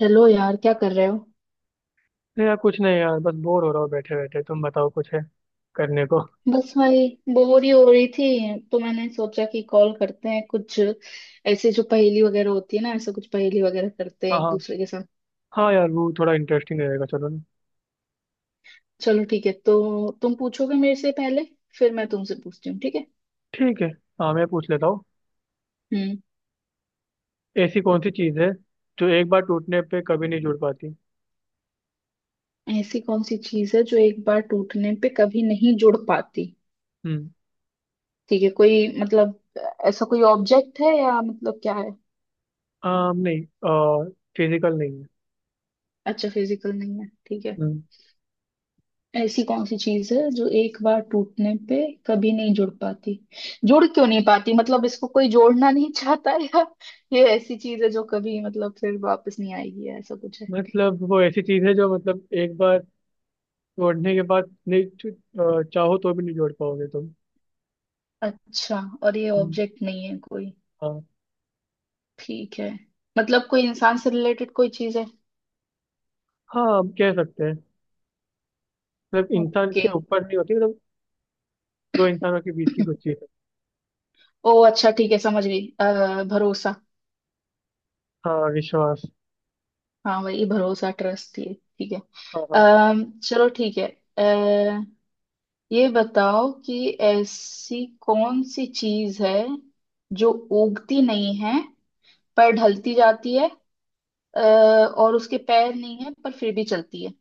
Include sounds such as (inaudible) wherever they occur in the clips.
Hello यार, क्या कर रहे हो। नहीं यार, कुछ नहीं यार, बस बोर हो रहा हूँ बैठे बैठे। तुम बताओ कुछ है करने को। बस भाई, बोर ही हो रही थी तो मैंने सोचा कि कॉल करते हैं। कुछ ऐसे जो पहेली वगैरह होती है ना, ऐसा कुछ पहेली वगैरह करते हैं हाँ एक हाँ। दूसरे के साथ। हाँ यार वो थोड़ा इंटरेस्टिंग रहेगा, चलो ना। चलो ठीक है, तो तुम पूछोगे मेरे से पहले, फिर मैं तुमसे पूछती हूँ, ठीक है। ठीक है। हाँ, मैं पूछ लेता हूँ। हम्म। ऐसी कौन सी चीज़ है जो एक बार टूटने पे कभी नहीं जुड़ पाती? ऐसी कौन सी चीज है जो एक बार टूटने पे कभी नहीं जुड़ पाती। हम्म। ठीक है, कोई मतलब, ऐसा कोई ऑब्जेक्ट है या मतलब क्या है। नहीं, फिजिकल नहीं है। अच्छा, फिजिकल नहीं है, ठीक है। हम्म, ऐसी कौन सी चीज है जो एक बार टूटने पे कभी नहीं जुड़ पाती। जुड़ क्यों नहीं पाती, मतलब इसको कोई जोड़ना नहीं (laughs) चाहता, या ये ऐसी चीज है जो कभी मतलब फिर वापस नहीं आएगी, या ऐसा कुछ है। मतलब वो ऐसी चीज़ है जो मतलब एक बार तोड़ने के बाद नहीं चाहो तो भी नहीं जोड़ पाओगे तुम। अच्छा, और ये हम्म, ऑब्जेक्ट नहीं है कोई, हाँ। ठीक है। मतलब कोई इंसान से रिलेटेड कोई चीज है। हाँ, हम कह सकते हैं। मतलब इंसान ओके। के ऊपर नहीं होती, मतलब दो इंसानों के बीच की कुछ चीज़ है। ओ अच्छा ठीक है, समझ गई। भरोसा। हाँ, विश्वास। हाँ वही भरोसा, ट्रस्ट ये, ठीक है। हाँ हाँ। अः चलो ठीक है। ये बताओ कि ऐसी कौन सी चीज है जो उगती नहीं है पर ढलती जाती है, अ, और उसके पैर नहीं है पर फिर भी चलती है।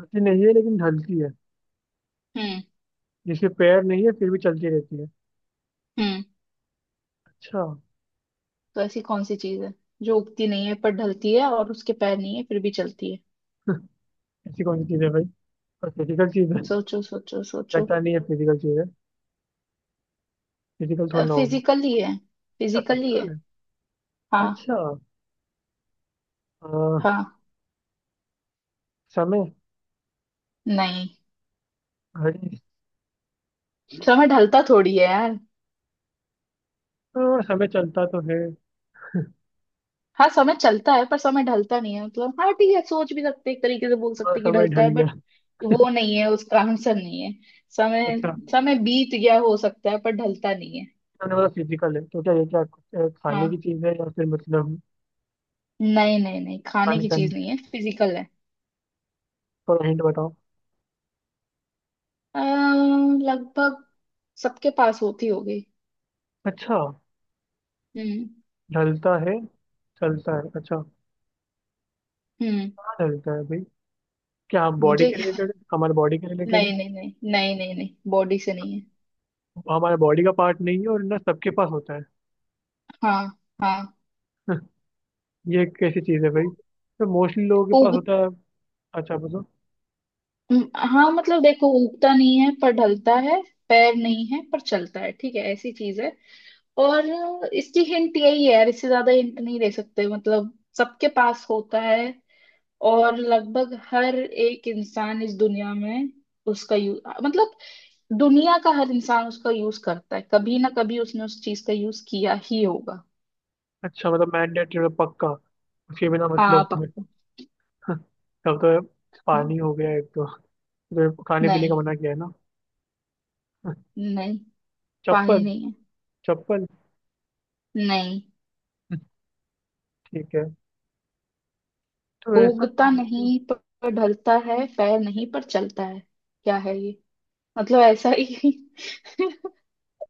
हंसी नहीं है लेकिन ढलती है। हम्म जिसके पैर नहीं है फिर भी चलती रहती है। हम्म अच्छा। तो ऐसी कौन सी चीज है जो उगती नहीं है पर ढलती है, और उसके पैर नहीं है फिर भी चलती है। ऐसी कौन सी चीज है भाई? और फिजिकल चीज है? सोचो सोचो सोचो। लगता नहीं है फिजिकल चीज है, फिजिकल थोड़ी ना होगी। फिजिकली है, अच्छा, फिजिकली फिजिकल है। है। हाँ। अच्छा। अ, हाँ, समय। नहीं, घड़ी। समय ढलता थोड़ी है यार। समय चलता तो है। हाँ समय चलता है पर समय ढलता नहीं है, मतलब हाँ ठीक है, सोच भी सकते हैं, एक तरीके से बोल और सकते हैं कि समय ढलता ढल है, गया। बट वो नहीं है, उसका आंसर नहीं है समय। अच्छा। समय बीत गया हो सकता है पर ढलता नहीं है। मैंने बोला फिजिकल है तो क्या ये, क्या कुछ, खाने हाँ। की चीज है या फिर मतलब। नहीं नहीं नहीं, खाने पानी की का? चीज नहीं है, फिजिकल है। थोड़ा हिंट बताओ। अ, लगभग सबके पास होती होगी। अच्छा। हम्म। ढलता है, चलता है। अच्छा। हम्म क्या ढलता है भाई? क्या बॉडी मुझे के क्या। रिलेटेड है, हमारे बॉडी के रिलेटेड है? नहीं नहीं नहीं नहीं नहीं नहीं, बॉडी से नहीं है। हमारा बॉडी का पार्ट नहीं है और ना सबके पास होता है। हाँ। हाँ। ये कैसी चीज़ है भाई? तो मोस्टली लोगों के पास उग। होता है? अच्छा मतलब। हाँ मतलब देखो, उगता नहीं है पर ढलता है, पैर नहीं है पर चलता है, ठीक है, ऐसी चीज है। और इसकी हिंट यही है यार, इससे ज्यादा हिंट नहीं दे सकते। मतलब सबके पास होता है, और लगभग हर एक इंसान इस दुनिया में उसका यूज, मतलब दुनिया का हर इंसान उसका यूज करता है। कभी ना कभी उसने उस चीज का यूज किया ही होगा। अच्छा मतलब मैंडेटरी पक्का? उसके बिना हाँ मतलब (laughs) पक्का। तब तो हाँ। पानी हो गया एक तो खाने पीने का नहीं, मना किया है ना? (laughs) नहीं पानी चप्पल। नहीं है। चप्पल। नहीं। ठीक है। तो ऐसा, उगता नहीं पर ढलता है, पैर नहीं पर चलता है। क्या है ये, मतलब ऐसा ही।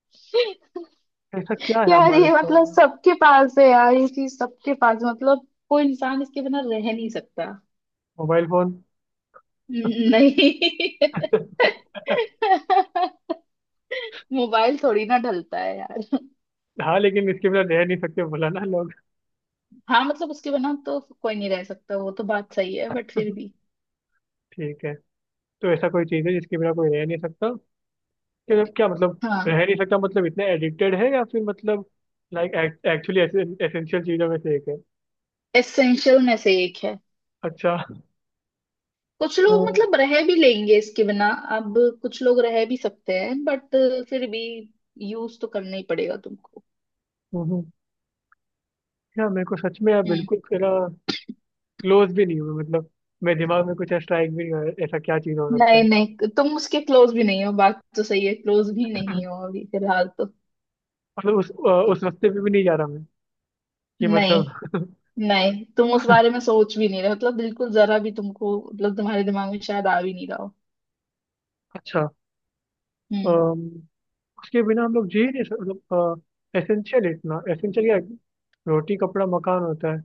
(laughs) ऐसा क्या है यार हमारे ये पास? मतलब सबके पास है यार, ये चीज सबके पास है। मतलब कोई इंसान इसके बिना रह नहीं सकता। Mobile phone. नहीं। (laughs) (laughs) मोबाइल थोड़ी ना ढलता है यार। हाँ लेकिन इसके बिना रह नहीं सकते, बोला ना लोग। हाँ मतलब उसके बिना तो कोई नहीं रह सकता, वो तो बात सही है, बट फिर भी। (laughs) ठीक है। तो ऐसा कोई चीज़ है जिसके बिना कोई रह नहीं सकता? क्या जब क्या मतलब? हाँ, रह नहीं सकता मतलब इतने एडिक्टेड है या फिर मतलब, लाइक, एक्चुअली एसेंशियल चीजों में से एक है? एसेंशियल में से एक है। अच्छा। कुछ अ, लोग मतलब रह भी लेंगे इसके बिना। अब कुछ लोग रह भी सकते हैं, बट फिर भी यूज तो करना ही पड़ेगा तुमको। हम्म, क्या मेरे को सच में यार, हम्म। बिल्कुल तेरा क्लोज भी नहीं हुआ मतलब। मेरे दिमाग में कुछ स्ट्राइक भी नहीं हुआ, ऐसा क्या चीज हो सकता नहीं है? नहीं, तुम उसके क्लोज भी नहीं हो, बात तो सही है, क्लोज भी नहीं हो अभी फिलहाल तो। मतलब उस रास्ते पे भी नहीं जा रहा मैं कि नहीं मतलब। नहीं, तुम उस बारे में सोच भी नहीं रहे, मतलब बिल्कुल जरा भी तुमको, मतलब तुम्हारे दिमाग में शायद आ भी नहीं रहा हो। अच्छा। हम्म। अम, उसके बिना हम लोग जी नहीं सकते मतलब। एसेंशियल, इतना एसेंशियल क्या है? रोटी कपड़ा मकान होता है।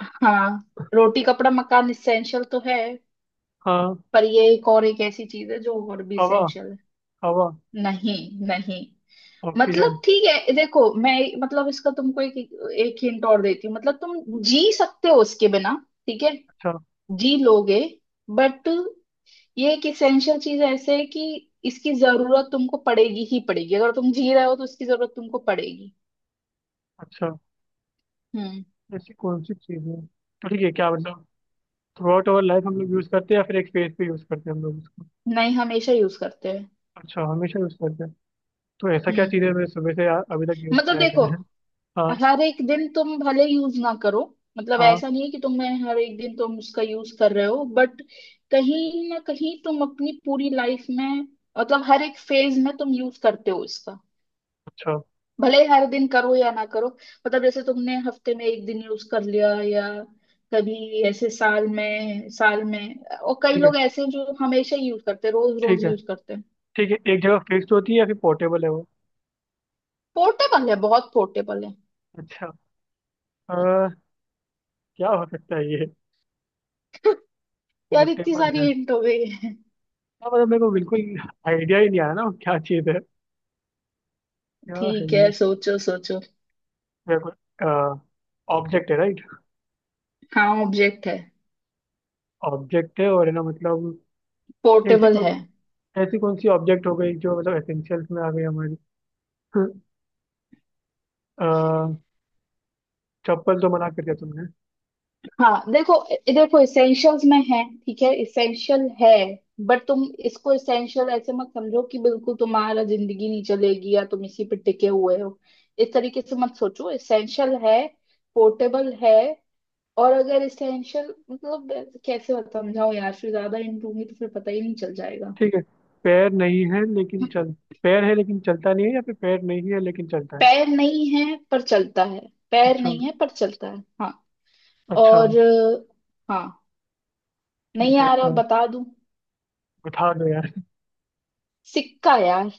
हाँ, रोटी कपड़ा मकान इसेंशियल तो है, हाँ। पर ये एक, और एक ऐसी चीज है जो और भी हवा। इसेंशियल है। हवा। नहीं नहीं, ऑक्सीजन। मतलब ठीक है देखो, मैं मतलब इसका तुमको एक, एक हिंट और देती हूँ। मतलब तुम जी सकते हो उसके बिना, ठीक है, अच्छा। जी लोगे, बट ये एक इसेंशियल चीज ऐसे है कि इसकी जरूरत तुमको पड़ेगी ही पड़ेगी। अगर तुम जी रहे हो तो इसकी जरूरत तुमको पड़ेगी। अच्छा। हम्म। ऐसी कौन सी चीज है तो ठीक है, क्या मतलब, थ्रू आउट आवर लाइफ हम लोग यूज करते हैं या फिर एक फेज पे यूज करते हैं हम लोग उसको? नहीं, हमेशा यूज करते हैं। अच्छा, हमेशा यूज करते हैं। तो ऐसा क्या हम्म चीज है, मैंने सुबह से अभी तक यूज मतलब किया है देखो, मैंने? हाँ। हर एक दिन तुम भले यूज ना करो, मतलब हाँ। ऐसा नहीं है कि तुम, मैं हर एक दिन तुम उसका यूज कर रहे हो, बट कहीं ना कहीं तुम अपनी पूरी लाइफ में, मतलब हर एक फेज में तुम यूज करते हो इसका। अच्छा। भले ही हर दिन करो या ना करो। मतलब जैसे तुमने हफ्ते में एक दिन यूज कर लिया, या कभी ऐसे साल में, साल में, और कई ठीक है। लोग ऐसे हैं जो हमेशा ही यूज करते हैं, रोज ठीक रोज है। यूज करते हैं। ठीक है, एक जगह फिक्स्ड होती है या फिर पोर्टेबल है वो? पोर्टेबल है, बहुत पोर्टेबल है। अच्छा। अ, क्या हो सकता है ये, यार इतनी पोर्टेबल सारी है? हिंट हो गई (laughs) है। हाँ, मतलब मेरे को बिल्कुल आइडिया ही नहीं आया ना, वो क्या चीज है? क्या है ठीक है ये? सोचो सोचो। मेरे को, ऑब्जेक्ट है राइट? हाँ ऑब्जेक्ट है, ऑब्जेक्ट है और है ना मतलब, ऐसे, पोर्टेबल है। ऐसी कौन सी ऑब्जेक्ट हो गई जो मतलब एसेंशियल्स में आ गई हमारी? अ, चप्पल तो मना कर दिया तुमने। हाँ देखो, देखो इसेंशियल्स में है, ठीक है इसेंशियल है, बट तुम इसको इसेंशियल ऐसे मत समझो कि बिल्कुल तुम्हारा जिंदगी नहीं चलेगी, या तुम इसी पे टिके हुए हो। इस तरीके से मत सोचो। इसेंशियल है, पोर्टेबल है। और अगर इसेंशियल मतलब, कैसे समझाओ यार, फिर ज्यादा इन दूंगी तो फिर पता ही नहीं चल जाएगा। ठीक है। पैर नहीं है लेकिन चल, पैर है लेकिन चलता नहीं है या फिर पैर नहीं है लेकिन चलता है? पैर नहीं है पर चलता है, पैर अच्छा। नहीं है पर चलता है हाँ। अच्छा। और हाँ, नहीं ठीक है। आ रहा, बता दूं। बता दो यार। सिक्का यार।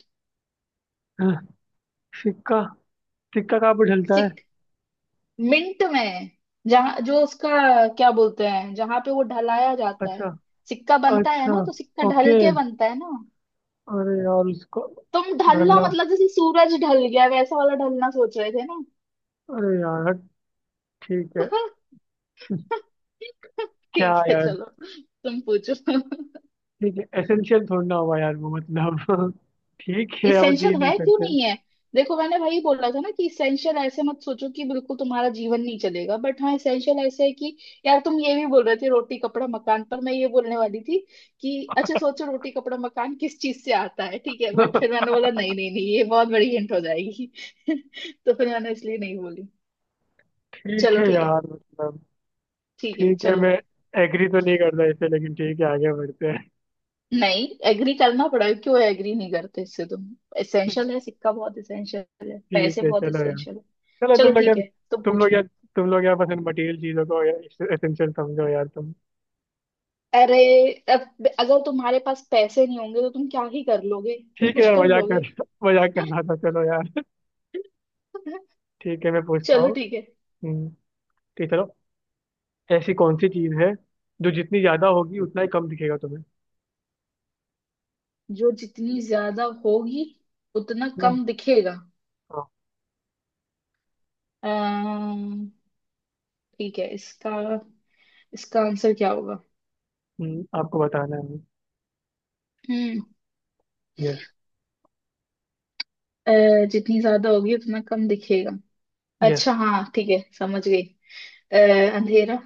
(laughs) सिक्का। सिक्का? कहाँ पर ढलता है? सिक मिंट में, जहाँ, जो उसका क्या बोलते हैं, जहाँ पे वो ढलाया जाता अच्छा। है। सिक्का बनता है अच्छा। ना, तो सिक्का ढल ओके। के बनता है ना। अरे यार, उसको तुम ढलना ढलना। मतलब जैसे सूरज ढल गया वैसा वाला ढलना सोच रहे थे ना। अरे यार। ठीक है। (laughs) क्या ठीक है यार। चलो, तुम पूछो। ठीक है, एसेंशियल थोड़ा ना हुआ यार वो मतलब। (laughs) ठीक है, अब दे इसेंशियल नहीं है, क्यों सकते। नहीं है। देखो मैंने वही बोला था ना कि इसेंशियल ऐसे मत सोचो कि बिल्कुल तुम्हारा जीवन नहीं चलेगा, बट हाँ इसेंशियल ऐसे है कि, यार तुम ये भी बोल रहे थे रोटी कपड़ा मकान, पर मैं ये बोलने वाली थी कि अच्छा सोचो रोटी कपड़ा मकान किस चीज से आता है, ठीक है, बट फिर (laughs) मैंने बोला नहीं नहीं नहीं, ये बहुत बड़ी हिंट हो जाएगी। (laughs) तो फिर मैंने इसलिए नहीं बोली। ठीक चलो है ठीक है। यार मतलब, ठीक है ठीक है, चलो। मैं एग्री तो नहीं करता इसे लेकिन ठीक है, आगे बढ़ते हैं। नहीं एग्री करना पड़ा, क्यों एग्री नहीं करते इससे तुम। इसेंशियल है सिक्का, बहुत इसेंशियल है (laughs) ठीक पैसे, है, बहुत चलो यार। इसेंशियल है। चलो, चलो तुम लोग ठीक यार। है, तुम तुम पूछो। लोग यार, तुम लोग यार, बस इन मटेरियल चीजों को यार एसेंशियल समझो यार तुम। अरे, अब अगर तुम्हारे पास पैसे नहीं होंगे तो तुम क्या ही कर लोगे, तुम ठीक है कुछ यार, कर मजाक लोगे। कर (laughs) मजाक कर रहा था, चलो यार। (laughs) ठीक है, मैं पूछता चलो हूँ। ठीक है। हम्म, ठीक है, चलो। ऐसी कौन सी चीज है जो जितनी ज्यादा होगी उतना ही कम दिखेगा तुम्हें? जो जितनी ज्यादा होगी उतना नहीं। कम दिखेगा। हाँ। अम्म, ठीक है, इसका इसका आंसर क्या होगा। आपको बताना है। हम्म। यस। जितनी ज्यादा होगी उतना कम दिखेगा, यस। अच्छा हाँ ठीक है समझ गई। अ, अंधेरा।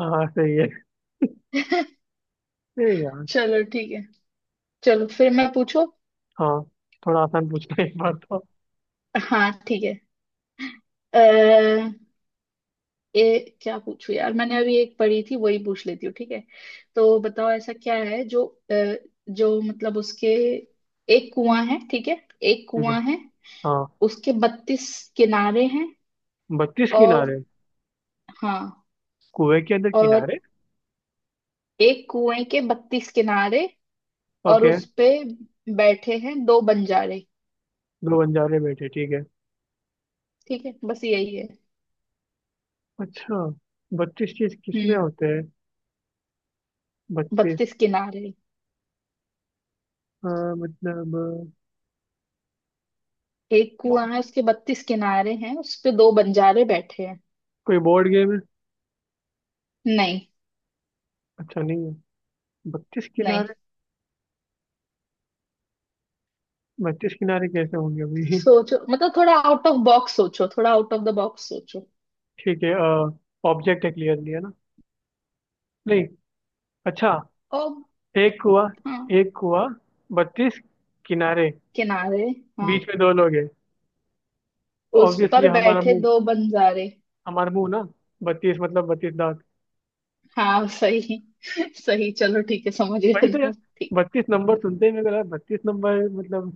हाँ सही है। (laughs) ए (laughs) यार। चलो ठीक है, चलो फिर मैं पूछू। हाँ, थोड़ा आसान पूछना है एक बार तो। हाँ ठीक है। ये क्या पूछू यार, मैंने अभी एक पढ़ी थी वही पूछ लेती हूँ, ठीक है। तो बताओ ऐसा क्या है जो अ, जो मतलब उसके, एक कुआं है ठीक है, एक ठीक है। कुआं है, हाँ, उसके 32 किनारे हैं, बत्तीस और किनारे हाँ, कुएं के अंदर और किनारे? एक कुएं के 32 किनारे, और ओके। उस पे बैठे हैं दो बंजारे। दो बंजारे बैठे, ठीक है। ठीक है बस यही है। अच्छा, 32 चीज किसमें हम्म होते हैं? 32। 32 किनारे। हाँ, मतलब, एक अ, कुआं है, उसके बत्तीस किनारे हैं, उस पे दो बंजारे बैठे हैं। कोई बोर्ड गेम है? नहीं। अच्छा, नहीं है। बत्तीस नहीं, किनारे बत्तीस किनारे कैसे होंगे अभी? (laughs) सोचो मतलब थोड़ा आउट ऑफ बॉक्स सोचो, थोड़ा आउट ऑफ द बॉक्स सोचो। ठीक है। ऑब्जेक्ट है क्लियरली, है ना? नहीं? अच्छा। और एक कुआ। हाँ, एक कुआ, 32 किनारे, किनारे हाँ, बीच में दो लोग हैं। उस ऑब्वियसली पर हमारा बैठे मुंह। दो बंजारे। हमारा मुंह ना, 32 मतलब 32 दांत। हाँ सही। (laughs) सही, चलो ठीक है समझ वही गए। तो यार। ठीक है। 32 नंबर सुनते ही मेरे को लगा 32 नंबर मतलब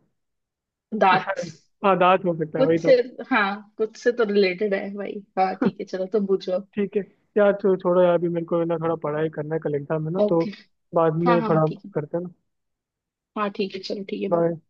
दांत। शायद। हाँ, दांत हो सकता है वही कुछ से, तो। हाँ कुछ से तो रिलेटेड है भाई। हाँ ठीक है, चलो तुम पूछो। ठीक है यार, तो छोड़ो यार, अभी मेरे को ना थोड़ा पढ़ाई करना है, कल एग्जाम है ना तो। ओके। बाद हाँ में हाँ थोड़ा ठीक है। करते हैं ना। हाँ ठीक है, चलो ठीक है bye। बाय।